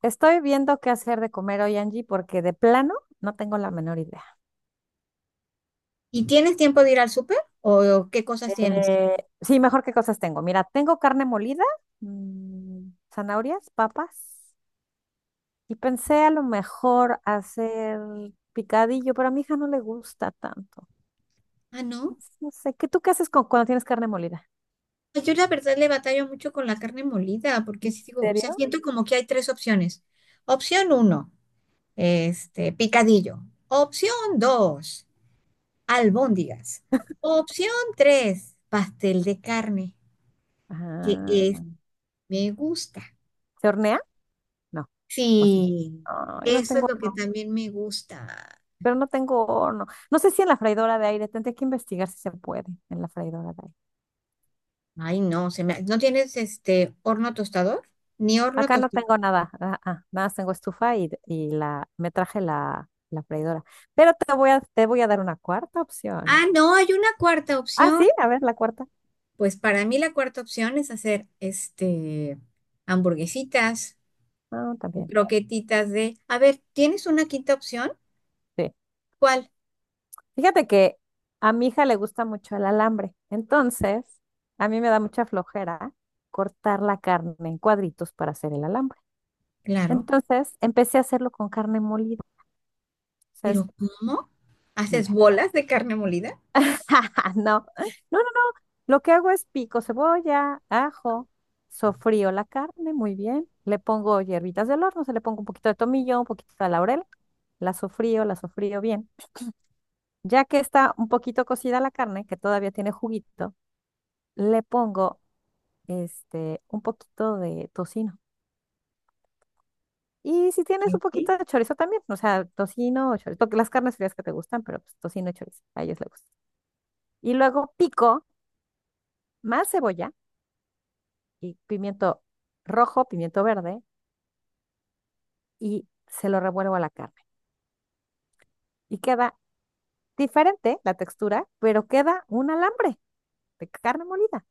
Estoy viendo qué hacer de comer hoy, Angie, porque de plano no tengo la menor idea. ¿Y tienes tiempo de ir al súper? ¿O qué cosas tienes? Sí, mejor qué cosas tengo. Mira, tengo carne molida, mm, zanahorias, papas, y pensé a lo mejor hacer picadillo, pero a mi hija no le gusta tanto. Ah, no. Entonces, no sé, ¿qué tú qué haces cuando tienes carne molida? Pues yo la verdad le batallo mucho con la carne molida, porque ¿En sí digo, o sea, serio? siento como que hay tres opciones. Opción uno, picadillo. Opción dos, albóndigas. Opción tres, pastel de carne, que es, Ah, me gusta. ¿se hornea? No. ¿O sí? Sí, Ay, no eso es tengo lo que horno, también me gusta. pero no tengo horno. No sé si en la freidora de aire, tendría que investigar si se puede en la freidora de aire. Ay, no, ¿no tienes este horno tostador? Ni horno Acá no tostador. tengo nada, nada más tengo estufa y me traje la freidora. Pero te voy a dar una cuarta opción. Ah, no, hay una cuarta Ah, opción. sí, a ver, la cuarta. Pues para mí la cuarta opción es hacer hamburguesitas, Ah, también. croquetitas de, a ver, ¿tienes una quinta opción? Sí. ¿Cuál? Fíjate que a mi hija le gusta mucho el alambre. Entonces, a mí me da mucha flojera cortar la carne en cuadritos para hacer el alambre. Claro, Entonces, empecé a hacerlo con carne molida. O sea, pero ¿cómo? ¿Haces mira. bolas de carne molida? No, no, no, lo que hago es pico cebolla, ajo, sofrío la carne, muy bien. Le pongo hierbitas del horno, se le pongo un poquito de tomillo, un poquito de laurel. La sofrío bien. Ya que está un poquito cocida la carne, que todavía tiene juguito, le pongo un poquito de tocino. Y si tienes ¿Qué? un poquito de chorizo también, o sea, tocino o chorizo, porque las carnes frías que te gustan, pero pues, tocino y chorizo, a ellos les gusta. Y luego pico más cebolla y pimiento rojo, pimiento verde y se lo revuelvo a la carne. Y queda diferente la textura, pero queda un alambre de carne molida.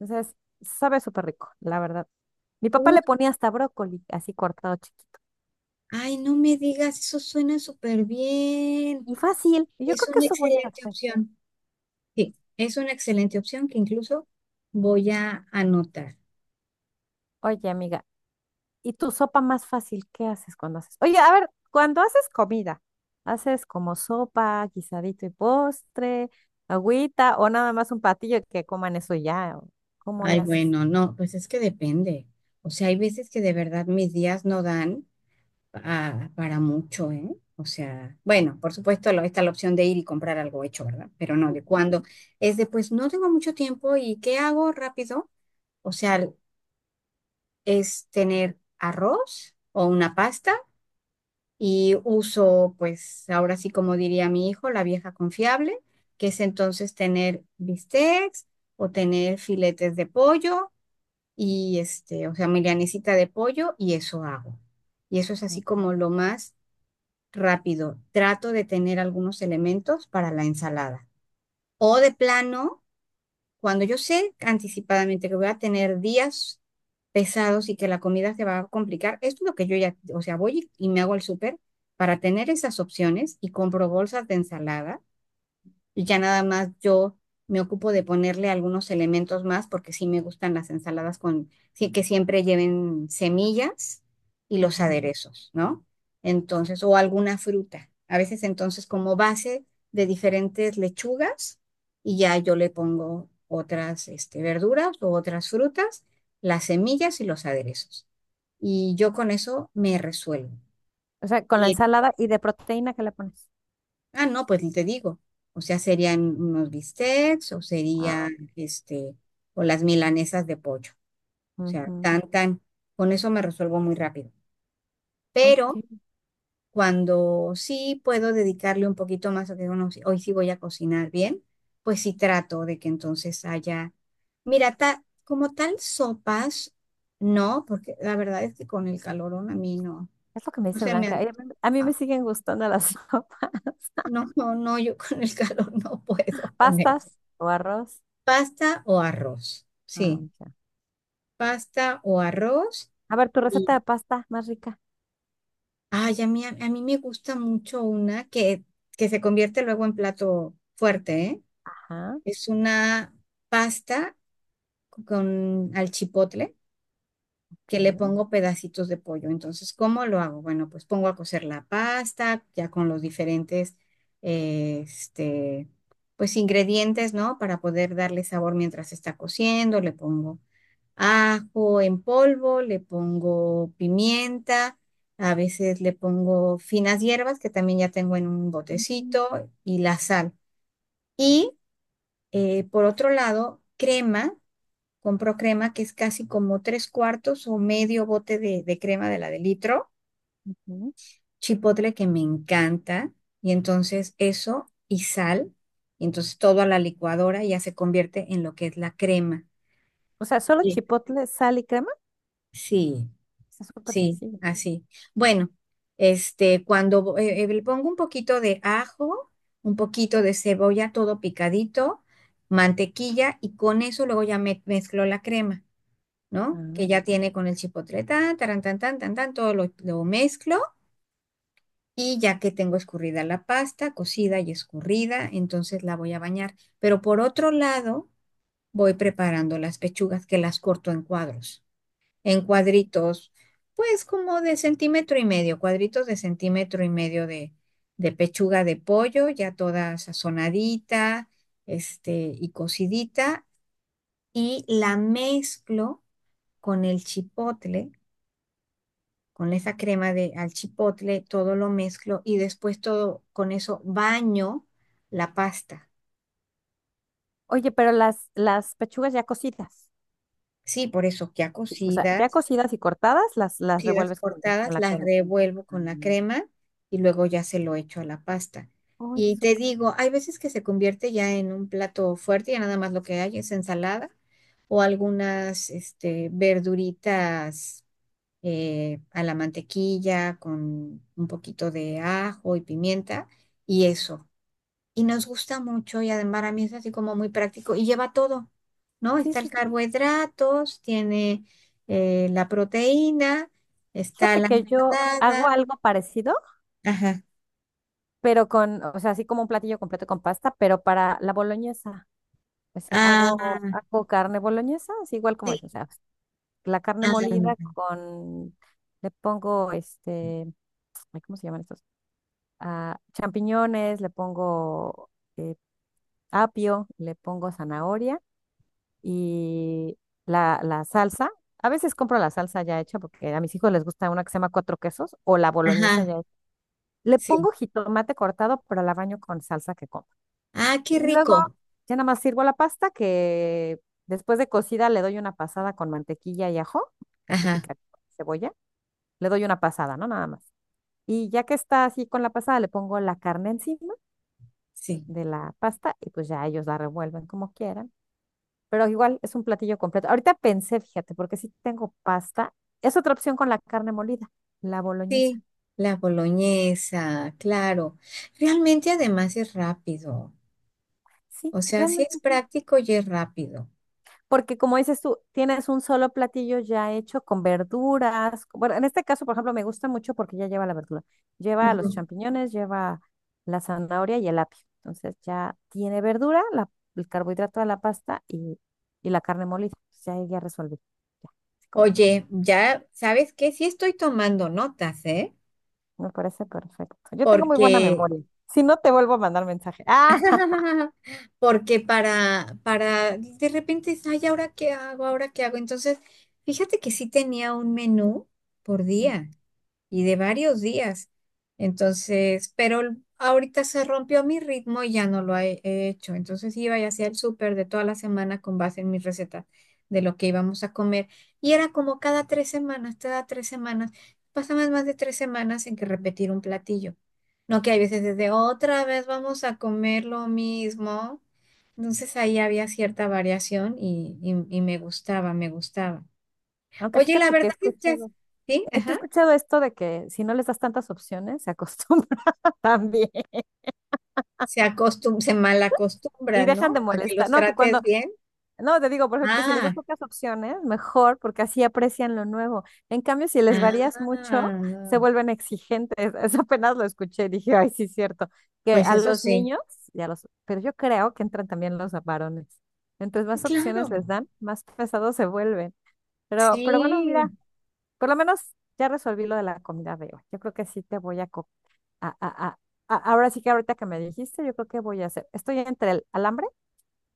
Entonces, sabe súper rico, la verdad. Mi papá Uh, le ponía hasta brócoli, así cortado chiquito. ay, no me digas, eso suena súper bien. Y fácil, y yo Es creo que una eso voy a excelente hacer. opción. Sí, es una excelente opción que incluso voy a anotar. Oye, amiga, ¿y tu sopa más fácil qué haces cuando haces? Oye, a ver, cuando haces comida, ¿haces como sopa, guisadito y postre, agüita o nada más un platillo que coman eso y ya? ¿O ¿Cómo Ay, lo haces? bueno, no, pues es que depende. O sea, hay veces que de verdad mis días no dan para mucho, ¿eh? O sea, bueno, por supuesto está la opción de ir y comprar algo hecho, ¿verdad? Pero no, de cuando es de, pues no tengo mucho tiempo y ¿qué hago rápido? O sea, es tener arroz o una pasta y uso, pues ahora sí como diría mi hijo, la vieja confiable, que es entonces tener bistecs o tener filetes de pollo y o sea, milanesita de pollo y eso hago. Y eso es así como lo más rápido, trato de tener algunos elementos para la ensalada. O de plano, cuando yo sé anticipadamente que voy a tener días pesados y que la comida se va a complicar, esto es lo que yo ya, o sea, voy y me hago el súper para tener esas opciones y compro bolsas de ensalada y ya nada más yo me ocupo de ponerle algunos elementos más porque sí me gustan las ensaladas con, sí que siempre lleven semillas y los Ujú. aderezos, ¿no? Entonces, o alguna fruta. A veces entonces como base de diferentes lechugas y ya yo le pongo otras verduras o otras frutas, las semillas y los aderezos. Y yo con eso me resuelvo. O sea, con la ensalada, ¿y de proteína que le pones? Ah, no, pues te digo. O sea, serían unos bistecs o sería Ah, este, o las milanesas de pollo. O sea, ujú, tan, tan. Con eso me resuelvo muy rápido. Pero ok. cuando sí puedo dedicarle un poquito más a que bueno, hoy sí voy a cocinar bien, pues sí trato de que entonces haya. Mira, como tal, sopas, no, porque la verdad es que con el calorón a mí no, Es lo que me no dice se me Blanca. antoja. A mí me siguen gustando las sopas. No, no, no, yo con el calor no puedo comer. ¿Pastas o arroz? Pasta o arroz. Ah, Sí, ya. pasta o arroz. A ver, tu Y receta de pasta más rica. ay, a mí me gusta mucho una que se convierte luego en plato fuerte, ¿eh? Ajá. Es una pasta con al chipotle que le Ok. pongo pedacitos de pollo. Entonces, ¿cómo lo hago? Bueno, pues pongo a cocer la pasta ya con los diferentes, eh, este, pues ingredientes, ¿no? Para poder darle sabor mientras está cociendo. Le pongo ajo en polvo, le pongo pimienta, a veces le pongo finas hierbas que también ya tengo en un Ujú, botecito y la sal. Y por otro lado, crema, compro crema que es casi como tres cuartos o medio bote de crema de la de litro, ujú. chipotle que me encanta y entonces eso y sal. Entonces todo a la licuadora ya se convierte en lo que es la crema. O sea, solo Sí. chipotle, sal y crema. Sí, Está súper sí, sencillo. así. Bueno, cuando le pongo un poquito de ajo, un poquito de cebolla, todo picadito, mantequilla, y con eso luego ya mezclo la crema, ¿no? Que ya Ah. tiene con el chipotle, tan, taran, tan, tan, tan, tan, todo lo mezclo, y ya que tengo escurrida la pasta, cocida y escurrida, entonces la voy a bañar. Pero por otro lado, voy preparando las pechugas que las corto en cuadritos, pues como de centímetro y medio, cuadritos de centímetro y medio de pechuga de pollo, ya toda sazonadita, y cocidita, y la mezclo con el chipotle, con esa crema de al chipotle, todo lo mezclo y después todo con eso baño la pasta. Oye, pero las pechugas ya cocidas. Sí, por eso ya O sea, cocida ya cocidas y cortadas, las crujidas revuelves la con cortadas, la las crema. revuelvo Ah, con la crema y luego ya se lo echo a la pasta. oye, Y te súper. digo, hay veces que se convierte ya en un plato fuerte, ya nada más lo que hay es ensalada o algunas verduritas a la mantequilla con un poquito de ajo y pimienta y eso y nos gusta mucho y además para mí es así como muy práctico y lleva todo, ¿no? Sí, Está sí, el sí. carbohidratos, tiene la proteína, está Fíjate la que yo hago ensalada, algo parecido, ajá, pero con, o sea, así como un platillo completo con pasta, pero para la boloñesa. O sea, ah, hago carne boloñesa, así igual como sí, es, o sea, la carne molida ah, con, le pongo ay, ¿cómo se llaman estos? Ah, champiñones, le pongo eh, apio, le pongo zanahoria y la salsa. A veces compro la salsa ya hecha porque a mis hijos les gusta una que se llama cuatro quesos o la boloñesa ajá, ya hecha. Le sí, pongo jitomate cortado, pero la baño con salsa que compro. ah, qué Y luego rico, ya nada más sirvo la pasta que después de cocida le doy una pasada con mantequilla y ajo, así ajá, picante, cebolla. Le doy una pasada, ¿no? Nada más. Y ya que está así con la pasada, le pongo la carne encima sí, de la pasta y pues ya ellos la revuelven como quieran. Pero igual es un platillo completo. Ahorita pensé, fíjate, porque si tengo pasta, es otra opción con la carne molida, la boloñesa. sí, la boloñesa, claro, realmente además es rápido, Sí, o sea, sí realmente. es práctico y es rápido. Porque como dices tú, tienes un solo platillo ya hecho con verduras. Bueno, en este caso, por ejemplo, me gusta mucho porque ya lleva la verdura. Lleva los Ujú. champiñones, lleva la zanahoria y el apio. Entonces ya tiene verdura, el carbohidrato de la pasta, y la carne molida. Entonces, ya ahí ya resolví. Ya, así como, Oye, ya sabes que sí estoy tomando notas, ¿eh? me parece perfecto. Yo tengo muy buena Porque, memoria. Si no, te vuelvo a mandar mensaje. Ah, porque de repente, es, ay, ¿ahora qué hago? ¿Ahora qué hago? Entonces, fíjate que sí tenía un menú por mm, día y de varios días. Entonces, pero ahorita se rompió mi ritmo y ya no lo he hecho. Entonces iba y hacía el súper de toda la semana con base en mis recetas de lo que íbamos a comer. Y era como cada 3 semanas, cada 3 semanas. Pasaban más de 3 semanas en que repetir un platillo. No que hay veces desde otra vez vamos a comer lo mismo. Entonces ahí había cierta variación y me gustaba, me gustaba. aunque Oye, la fíjate que verdad es que, ¿sí? he Ajá. escuchado esto de que si no les das tantas opciones, se acostumbran también. Se mal Y acostumbra, dejan de ¿no? A que molestar. los trates bien. No, te digo, por ejemplo, que si les das Ah, pocas opciones, mejor, porque así aprecian lo nuevo. En cambio, si les varías mucho, se ah, vuelven exigentes. Eso apenas lo escuché, dije, ay, sí, es cierto. Que pues a eso los sí. niños, pero yo creo que entran también los varones. Entonces, más opciones les Claro, dan, más pesados se vuelven. Pero bueno, sí. mira, por lo menos ya resolví lo de la comida de hoy. Yo creo que sí te voy a, co- a, a, a- a- ahora sí que ahorita que me dijiste, yo creo que voy a hacer. Estoy entre el alambre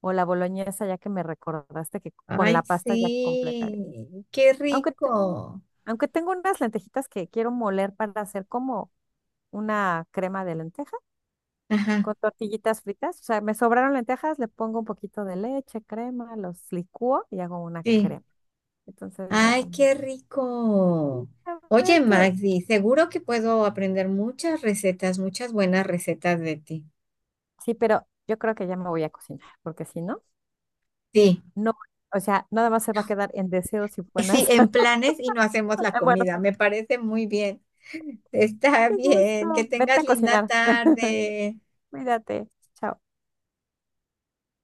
o la boloñesa, ya que me recordaste que con la Ay, pasta ya completaría. sí. Qué Aunque, te- rico. aunque tengo unas lentejitas que quiero moler para hacer como una crema de lenteja Ajá, con tortillitas fritas. O sea, me sobraron lentejas, le pongo un poquito de leche, crema, los licúo y hago una sí. crema. Entonces ya Ay, también. qué rico. A Oye, ver qué. Magdi, seguro que puedo aprender muchas recetas, muchas buenas recetas de ti. Sí, pero yo creo que ya me voy a cocinar, porque si no, Sí. no. O sea, nada más se va a quedar en deseos y Sí, buenas. en planes y no hacemos la en buenos. comida. Me parece muy bien. Está Qué gusto. bien. Que Vete tengas a linda cocinar. tarde. Cuídate. Chao.